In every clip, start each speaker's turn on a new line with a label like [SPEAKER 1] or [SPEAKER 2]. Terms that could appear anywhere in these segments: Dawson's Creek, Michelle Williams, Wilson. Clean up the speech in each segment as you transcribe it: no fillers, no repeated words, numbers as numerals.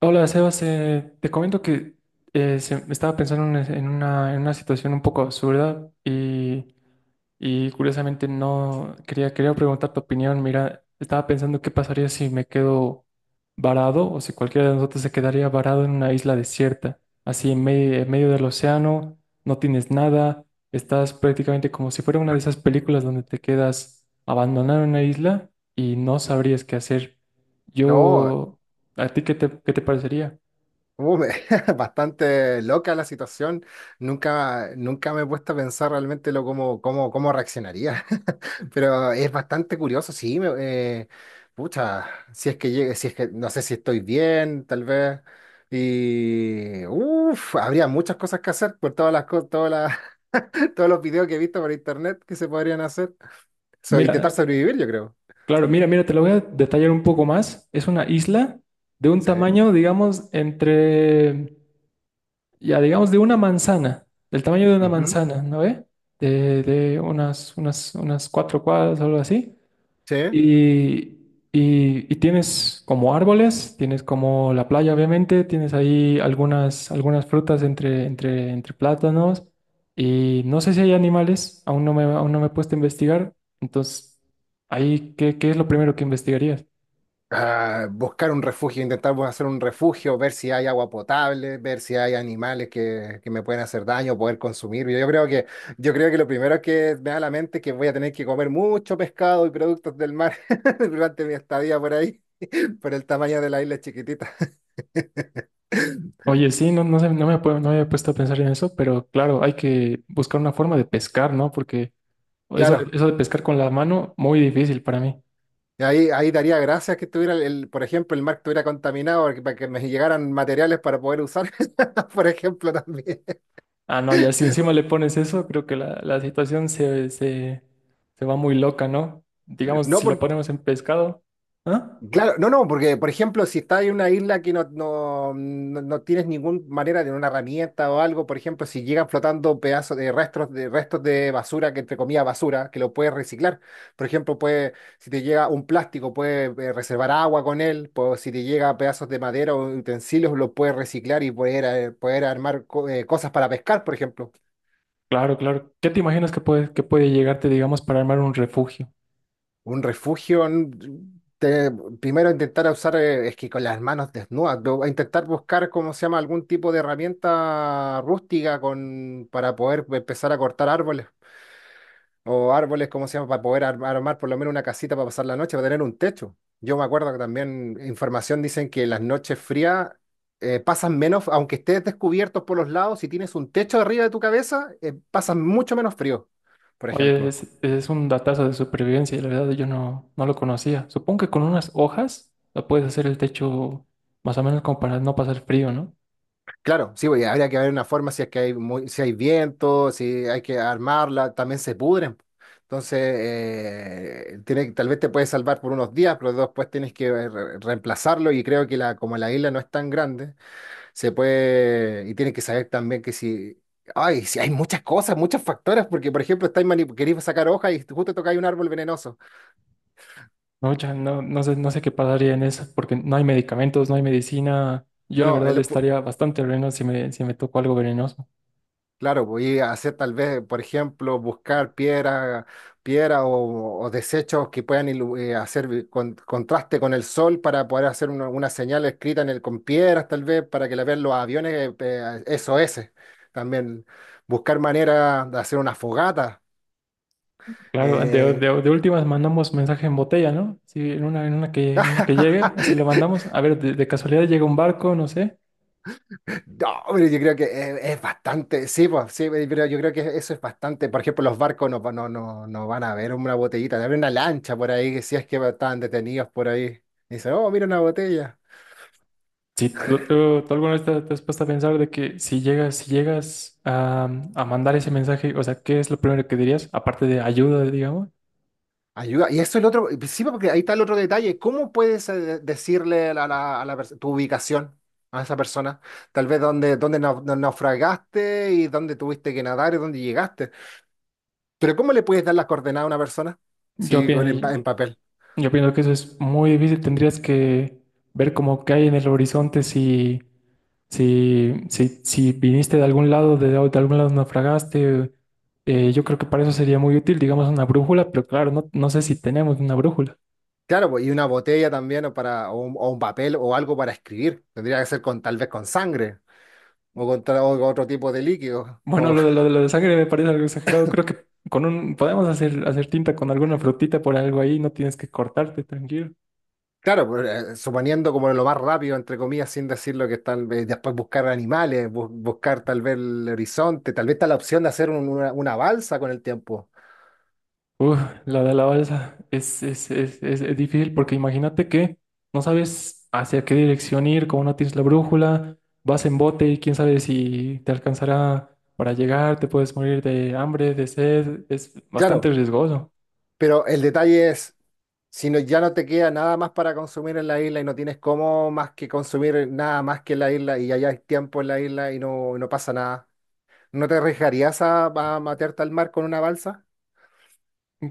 [SPEAKER 1] Hola, Sebas. Te comento que estaba pensando en, en una situación un poco absurda y curiosamente no quería, quería preguntar tu opinión. Mira, estaba pensando qué pasaría si me quedo varado o si cualquiera de nosotros se quedaría varado en una isla desierta, así en medio del océano, no tienes nada, estás prácticamente como si fuera una de esas películas donde te quedas abandonado en una isla y no sabrías qué hacer.
[SPEAKER 2] No,
[SPEAKER 1] Yo... ¿A ti qué te parecería?
[SPEAKER 2] uh, me- bastante loca la situación. Nunca me he puesto a pensar realmente lo cómo, cómo reaccionaría. Pero es bastante curioso, sí. Pucha, si es que llegue, si es que no sé si estoy bien, tal vez. Y uff, habría muchas cosas que hacer por todas las cosas, todos los videos que he visto por internet que se podrían hacer. So, intentar
[SPEAKER 1] Mira,
[SPEAKER 2] sobrevivir, yo creo.
[SPEAKER 1] claro, mira, te lo voy a detallar un poco más. Es una isla de un
[SPEAKER 2] Sí.
[SPEAKER 1] tamaño, digamos, entre, ya digamos, de una manzana, del tamaño de una
[SPEAKER 2] Ujú.
[SPEAKER 1] manzana, ¿no ve? De unas, unas cuatro cuadras o algo así.
[SPEAKER 2] Sí.
[SPEAKER 1] Y, y tienes como árboles, tienes como la playa, obviamente, tienes ahí algunas, algunas frutas entre, entre plátanos. Y no sé si hay animales, aún no me he puesto a investigar. Entonces, ahí, qué es lo primero que investigarías?
[SPEAKER 2] Ah, buscar un refugio, intentar pues, hacer un refugio, ver si hay agua potable, ver si hay animales que me pueden hacer daño, poder consumir. Yo creo que lo primero que me da a la mente es que voy a tener que comer mucho pescado y productos del mar durante mi estadía por ahí, por el tamaño de la isla chiquitita.
[SPEAKER 1] Oye, sí, no, no sé, no me había puesto a pensar en eso, pero claro, hay que buscar una forma de pescar, ¿no? Porque eso,
[SPEAKER 2] Claro.
[SPEAKER 1] eso de pescar con la mano, muy difícil para mí.
[SPEAKER 2] Y ahí daría gracias que estuviera, por ejemplo, el mar estuviera contaminado porque, para que me llegaran materiales para poder usar, por ejemplo, también.
[SPEAKER 1] Ah, no, ya si encima le pones eso, creo que la situación se, se va muy loca, ¿no? Digamos,
[SPEAKER 2] No,
[SPEAKER 1] si lo
[SPEAKER 2] por-
[SPEAKER 1] ponemos en pescado. ¿Ah?
[SPEAKER 2] Claro, no, no, porque por ejemplo, si estás en una isla que no tienes ninguna manera de una herramienta o algo, por ejemplo, si llegan flotando pedazos de restos de basura, que entre comillas basura, que lo puedes reciclar. Por ejemplo, puede, si te llega un plástico, puedes reservar agua con él, pues, si te llega pedazos de madera o utensilios, lo puedes reciclar y poder, poder armar cosas para pescar, por ejemplo.
[SPEAKER 1] Claro, claro. ¿Qué te imaginas que que puede llegarte, digamos, para armar un refugio?
[SPEAKER 2] Un refugio, te- primero intentar usar, es que con las manos desnudas, intentar buscar, ¿cómo se llama?, algún tipo de herramienta rústica con, para poder empezar a cortar árboles, o árboles, ¿cómo se llama?, para poder armar por lo menos una casita para pasar la noche, para tener un techo. Yo me acuerdo que también información dicen que las noches frías pasan menos, aunque estés descubiertos por los lados, si tienes un techo arriba de tu cabeza, pasan mucho menos frío, por
[SPEAKER 1] Oye,
[SPEAKER 2] ejemplo.
[SPEAKER 1] es un datazo de supervivencia y la verdad yo no, no lo conocía. Supongo que con unas hojas lo puedes hacer el techo más o menos como para no pasar frío, ¿no?
[SPEAKER 2] Claro, sí, pues, habría que ver una forma si es que si hay viento, si hay que armarla, también se pudren. Entonces, tiene, tal vez te puede salvar por unos días, pero después tienes que reemplazarlo y creo que la, como la isla no es tan grande, se puede, y tienes que saber también que si, ay, si hay muchas cosas, muchos factores, porque por ejemplo, estáis queréis sacar hojas y justo tocáis un árbol venenoso.
[SPEAKER 1] No, ya no, no sé, no sé qué pasaría en eso, porque no hay medicamentos, no hay medicina. Yo la
[SPEAKER 2] No,
[SPEAKER 1] verdad
[SPEAKER 2] el-
[SPEAKER 1] estaría bastante veneno si me tocó algo venenoso.
[SPEAKER 2] Claro, voy a hacer tal vez, por ejemplo, buscar piedra, piedra o desechos que puedan hacer contraste con el sol para poder hacer una señal escrita en el, con piedras, tal vez, para que la vean los aviones SOS. También buscar manera de hacer una fogata.
[SPEAKER 1] Claro,
[SPEAKER 2] Eh,
[SPEAKER 1] de últimas mandamos mensaje en botella, ¿no? Sí, en una que llegue, así lo mandamos. A ver, de casualidad llega un barco, no sé.
[SPEAKER 2] No, pero yo creo que es bastante, sí, pues, sí, pero yo creo que eso es bastante. Por ejemplo, los barcos no van a ver una botellita, van a ver una lancha por ahí, que si es que estaban detenidos por ahí. Y dice, oh, mira una botella.
[SPEAKER 1] Sí, tú alguna vez te has puesto a pensar de que si llegas, si llegas a mandar ese mensaje, o sea, ¿qué es lo primero que dirías? Aparte de ayuda, digamos.
[SPEAKER 2] Ayuda. Y eso es el otro, sí, pues, porque ahí está el otro detalle. ¿Cómo puedes decirle a tu ubicación a esa persona? Tal vez dónde naufragaste y dónde tuviste que nadar y dónde llegaste. Pero ¿cómo le puedes dar las coordenadas a una persona?
[SPEAKER 1] Yo
[SPEAKER 2] Sí,
[SPEAKER 1] pienso.
[SPEAKER 2] en papel.
[SPEAKER 1] Yo pienso que eso es muy difícil. Tendrías que ver como qué hay en el horizonte si, si, si viniste de algún lado naufragaste. Yo creo que para eso sería muy útil, digamos, una brújula, pero claro, no, no sé si tenemos una brújula.
[SPEAKER 2] Claro, pues, y una botella también o, para, o un papel o algo para escribir. Tendría que ser con tal vez con sangre o con, o con otro tipo de líquido.
[SPEAKER 1] Bueno,
[SPEAKER 2] O,
[SPEAKER 1] lo de sangre me parece algo exagerado. Creo que con un podemos hacer, hacer tinta con alguna frutita por algo ahí, no tienes que cortarte, tranquilo.
[SPEAKER 2] claro, pues, suponiendo como lo más rápido, entre comillas, sin decir lo que están, después buscar animales, buscar tal vez el horizonte, tal vez está la opción de hacer una balsa con el tiempo.
[SPEAKER 1] Uf, la de la balsa es difícil porque imagínate que no sabes hacia qué dirección ir, como no tienes la brújula, vas en bote y quién sabe si te alcanzará para llegar, te puedes morir de hambre, de sed, es bastante
[SPEAKER 2] Claro,
[SPEAKER 1] riesgoso.
[SPEAKER 2] pero el detalle es, si no, ya no te queda nada más para consumir en la isla y no tienes cómo más que consumir nada más que en la isla y ya hay tiempo en la isla y no, no pasa nada. ¿No te arriesgarías a matearte al mar con una balsa?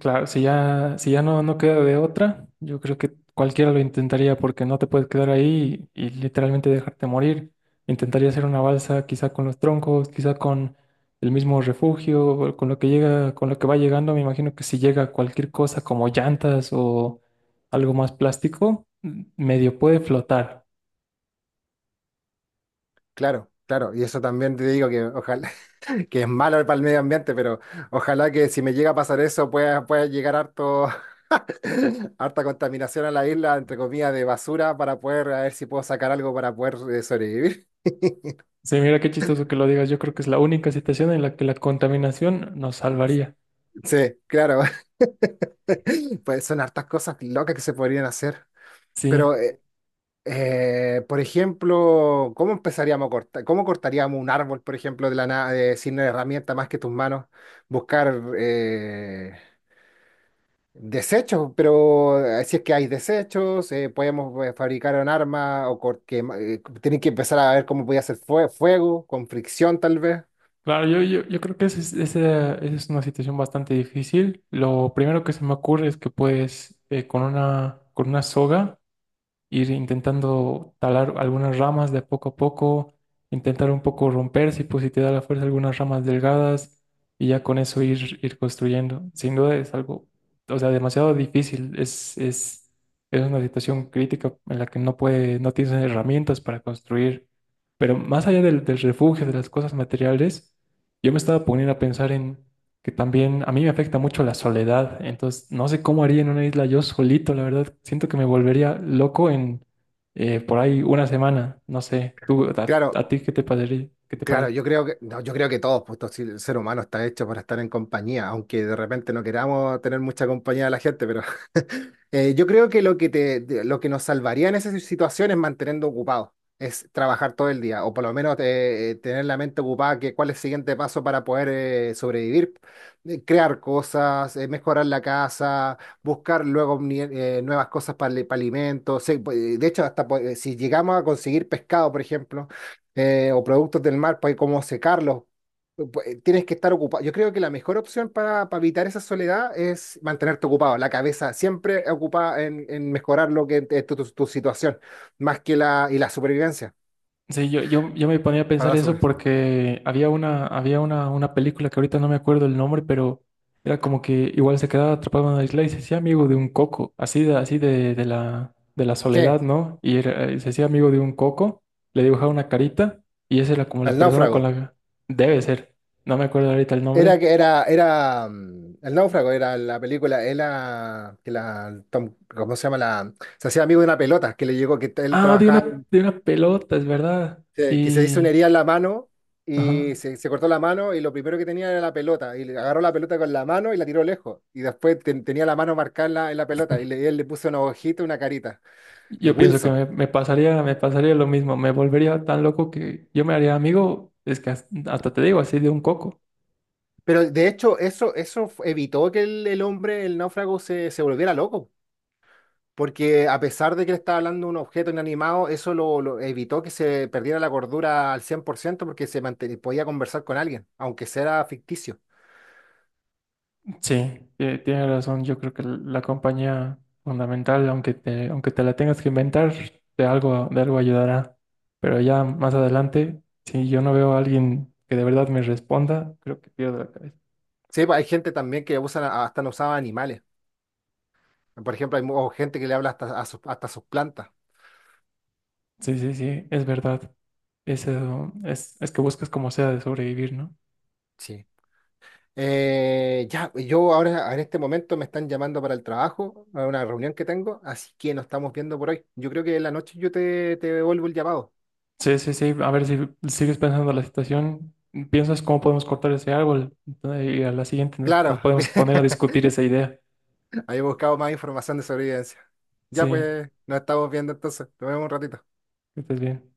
[SPEAKER 1] Claro, si ya, si ya no, no queda de otra, yo creo que cualquiera lo intentaría porque no te puedes quedar ahí y literalmente dejarte morir. Intentaría hacer una balsa quizá con los troncos, quizá con el mismo refugio, o con lo que llega, con lo que va llegando. Me imagino que si llega cualquier cosa como llantas o algo más plástico, medio puede flotar.
[SPEAKER 2] Claro, claro. Y eso también te digo que ojalá, que es malo para el medio ambiente, pero ojalá que si me llega a pasar eso pueda, pueda llegar harto, harta contaminación a la isla, entre comillas, de basura para poder, a ver si puedo sacar algo para poder sobrevivir.
[SPEAKER 1] Sí, mira qué chistoso que lo digas. Yo creo que es la única situación en la que la contaminación nos salvaría.
[SPEAKER 2] Sí, claro. Pues son hartas cosas locas que se podrían hacer. Pero
[SPEAKER 1] Sí.
[SPEAKER 2] por ejemplo, ¿cómo empezaríamos a cortar? ¿Cómo cortaríamos un árbol, por ejemplo, de la nada, de, sin herramienta más que tus manos? Buscar desechos, pero si es que hay desechos, podemos fabricar un arma o que, tienen que empezar a ver cómo podía hacer fuego, con fricción tal vez.
[SPEAKER 1] Claro, yo creo que esa es, esa es una situación bastante difícil. Lo primero que se me ocurre es que puedes con una soga ir intentando talar algunas ramas de poco a poco, intentar un poco romper, si, pues, si te da la fuerza, algunas ramas delgadas y ya con eso ir, ir construyendo. Sin duda es algo, o sea, demasiado difícil, es una situación crítica en la que no puede, no tienes herramientas para construir. Pero más allá del, del refugio, de las cosas materiales, yo me estaba poniendo a pensar en que también a mí me afecta mucho la soledad, entonces no sé cómo haría en una isla yo solito, la verdad, siento que me volvería loco en por ahí una semana, no sé, tú, a
[SPEAKER 2] Claro,
[SPEAKER 1] ti, ¿qué te parecería? ¿Qué te
[SPEAKER 2] claro,
[SPEAKER 1] parece?
[SPEAKER 2] yo creo que, no, yo creo que todos, pues todo si- el ser humano está hecho para estar en compañía, aunque de repente no queramos tener mucha compañía de la gente, pero yo creo que lo que lo que nos salvaría en esas situaciones es mantenernos ocupados, es trabajar todo el día, o por lo menos tener la mente ocupada, que cuál es el siguiente paso para poder sobrevivir, crear cosas, mejorar la casa, buscar luego nuevas cosas para, para alimentos. Sí, pues, de hecho, hasta pues, si llegamos a conseguir pescado, por ejemplo o productos del mar para cómo secarlos. Tienes que estar ocupado. Yo creo que la mejor opción para evitar esa soledad es mantenerte ocupado, la cabeza siempre ocupada en mejorar lo que es tu situación, más que la, y la supervivencia,
[SPEAKER 1] Sí, yo me ponía a
[SPEAKER 2] para
[SPEAKER 1] pensar
[SPEAKER 2] la
[SPEAKER 1] eso
[SPEAKER 2] supervivencia.
[SPEAKER 1] porque había una, una película que ahorita no me acuerdo el nombre, pero era como que igual se quedaba atrapado en una isla y se hacía amigo de un coco, así de, de la
[SPEAKER 2] Sí,
[SPEAKER 1] soledad, ¿no? Se hacía amigo de un coco, le dibujaba una carita y esa era como la
[SPEAKER 2] el
[SPEAKER 1] persona con
[SPEAKER 2] náufrago.
[SPEAKER 1] la debe ser. No me acuerdo ahorita el
[SPEAKER 2] Era
[SPEAKER 1] nombre.
[SPEAKER 2] que era, era, mm, el náufrago era la película, era que la, Tom- ¿cómo se llama? La, se hacía amigo de una pelota que le llegó, que él
[SPEAKER 1] Ah,
[SPEAKER 2] trabajaba
[SPEAKER 1] de una pelota, es verdad.
[SPEAKER 2] que se hizo
[SPEAKER 1] Y...
[SPEAKER 2] una herida en la mano y
[SPEAKER 1] Ajá.
[SPEAKER 2] se cortó la mano y lo primero que tenía era la pelota y le agarró la pelota con la mano y la tiró lejos y después tenía la mano marcada en la pelota y, le, y él le puso una hojita, una carita, el
[SPEAKER 1] Yo pienso que
[SPEAKER 2] Wilson.
[SPEAKER 1] me pasaría lo mismo, me volvería tan loco que yo me haría amigo, es que hasta te digo, así de un coco.
[SPEAKER 2] Pero de hecho eso, evitó que el hombre, el náufrago, se volviera loco. Porque a pesar de que le estaba hablando de un objeto inanimado, eso lo evitó que se perdiera la cordura al 100% porque se podía conversar con alguien, aunque sea ficticio.
[SPEAKER 1] Sí, tienes razón, yo creo que la compañía fundamental, aunque te la tengas que inventar, de algo ayudará. Pero ya más adelante, si yo no veo a alguien que de verdad me responda, creo que pierdo la cabeza.
[SPEAKER 2] Sí, pues hay gente también que usan, hasta no usaba animales. Por ejemplo, hay gente que le habla hasta a sus plantas.
[SPEAKER 1] Sí, sí, sí, es verdad. Eso es que buscas como sea de sobrevivir, ¿no?
[SPEAKER 2] Sí. Ya, yo ahora en este momento me están llamando para el trabajo, a una reunión que tengo, así que nos estamos viendo por hoy. Yo creo que en la noche yo te, te devuelvo el llamado.
[SPEAKER 1] Sí, sí, sí. A ver si sigues pensando la situación, piensas cómo podemos cortar ese árbol, ¿no? Y a la siguiente nos
[SPEAKER 2] Claro,
[SPEAKER 1] podemos poner a discutir esa idea.
[SPEAKER 2] había buscado más información de sobrevivencia. Ya
[SPEAKER 1] Sí,
[SPEAKER 2] pues, nos estamos viendo entonces. Nos vemos un ratito.
[SPEAKER 1] que estés bien.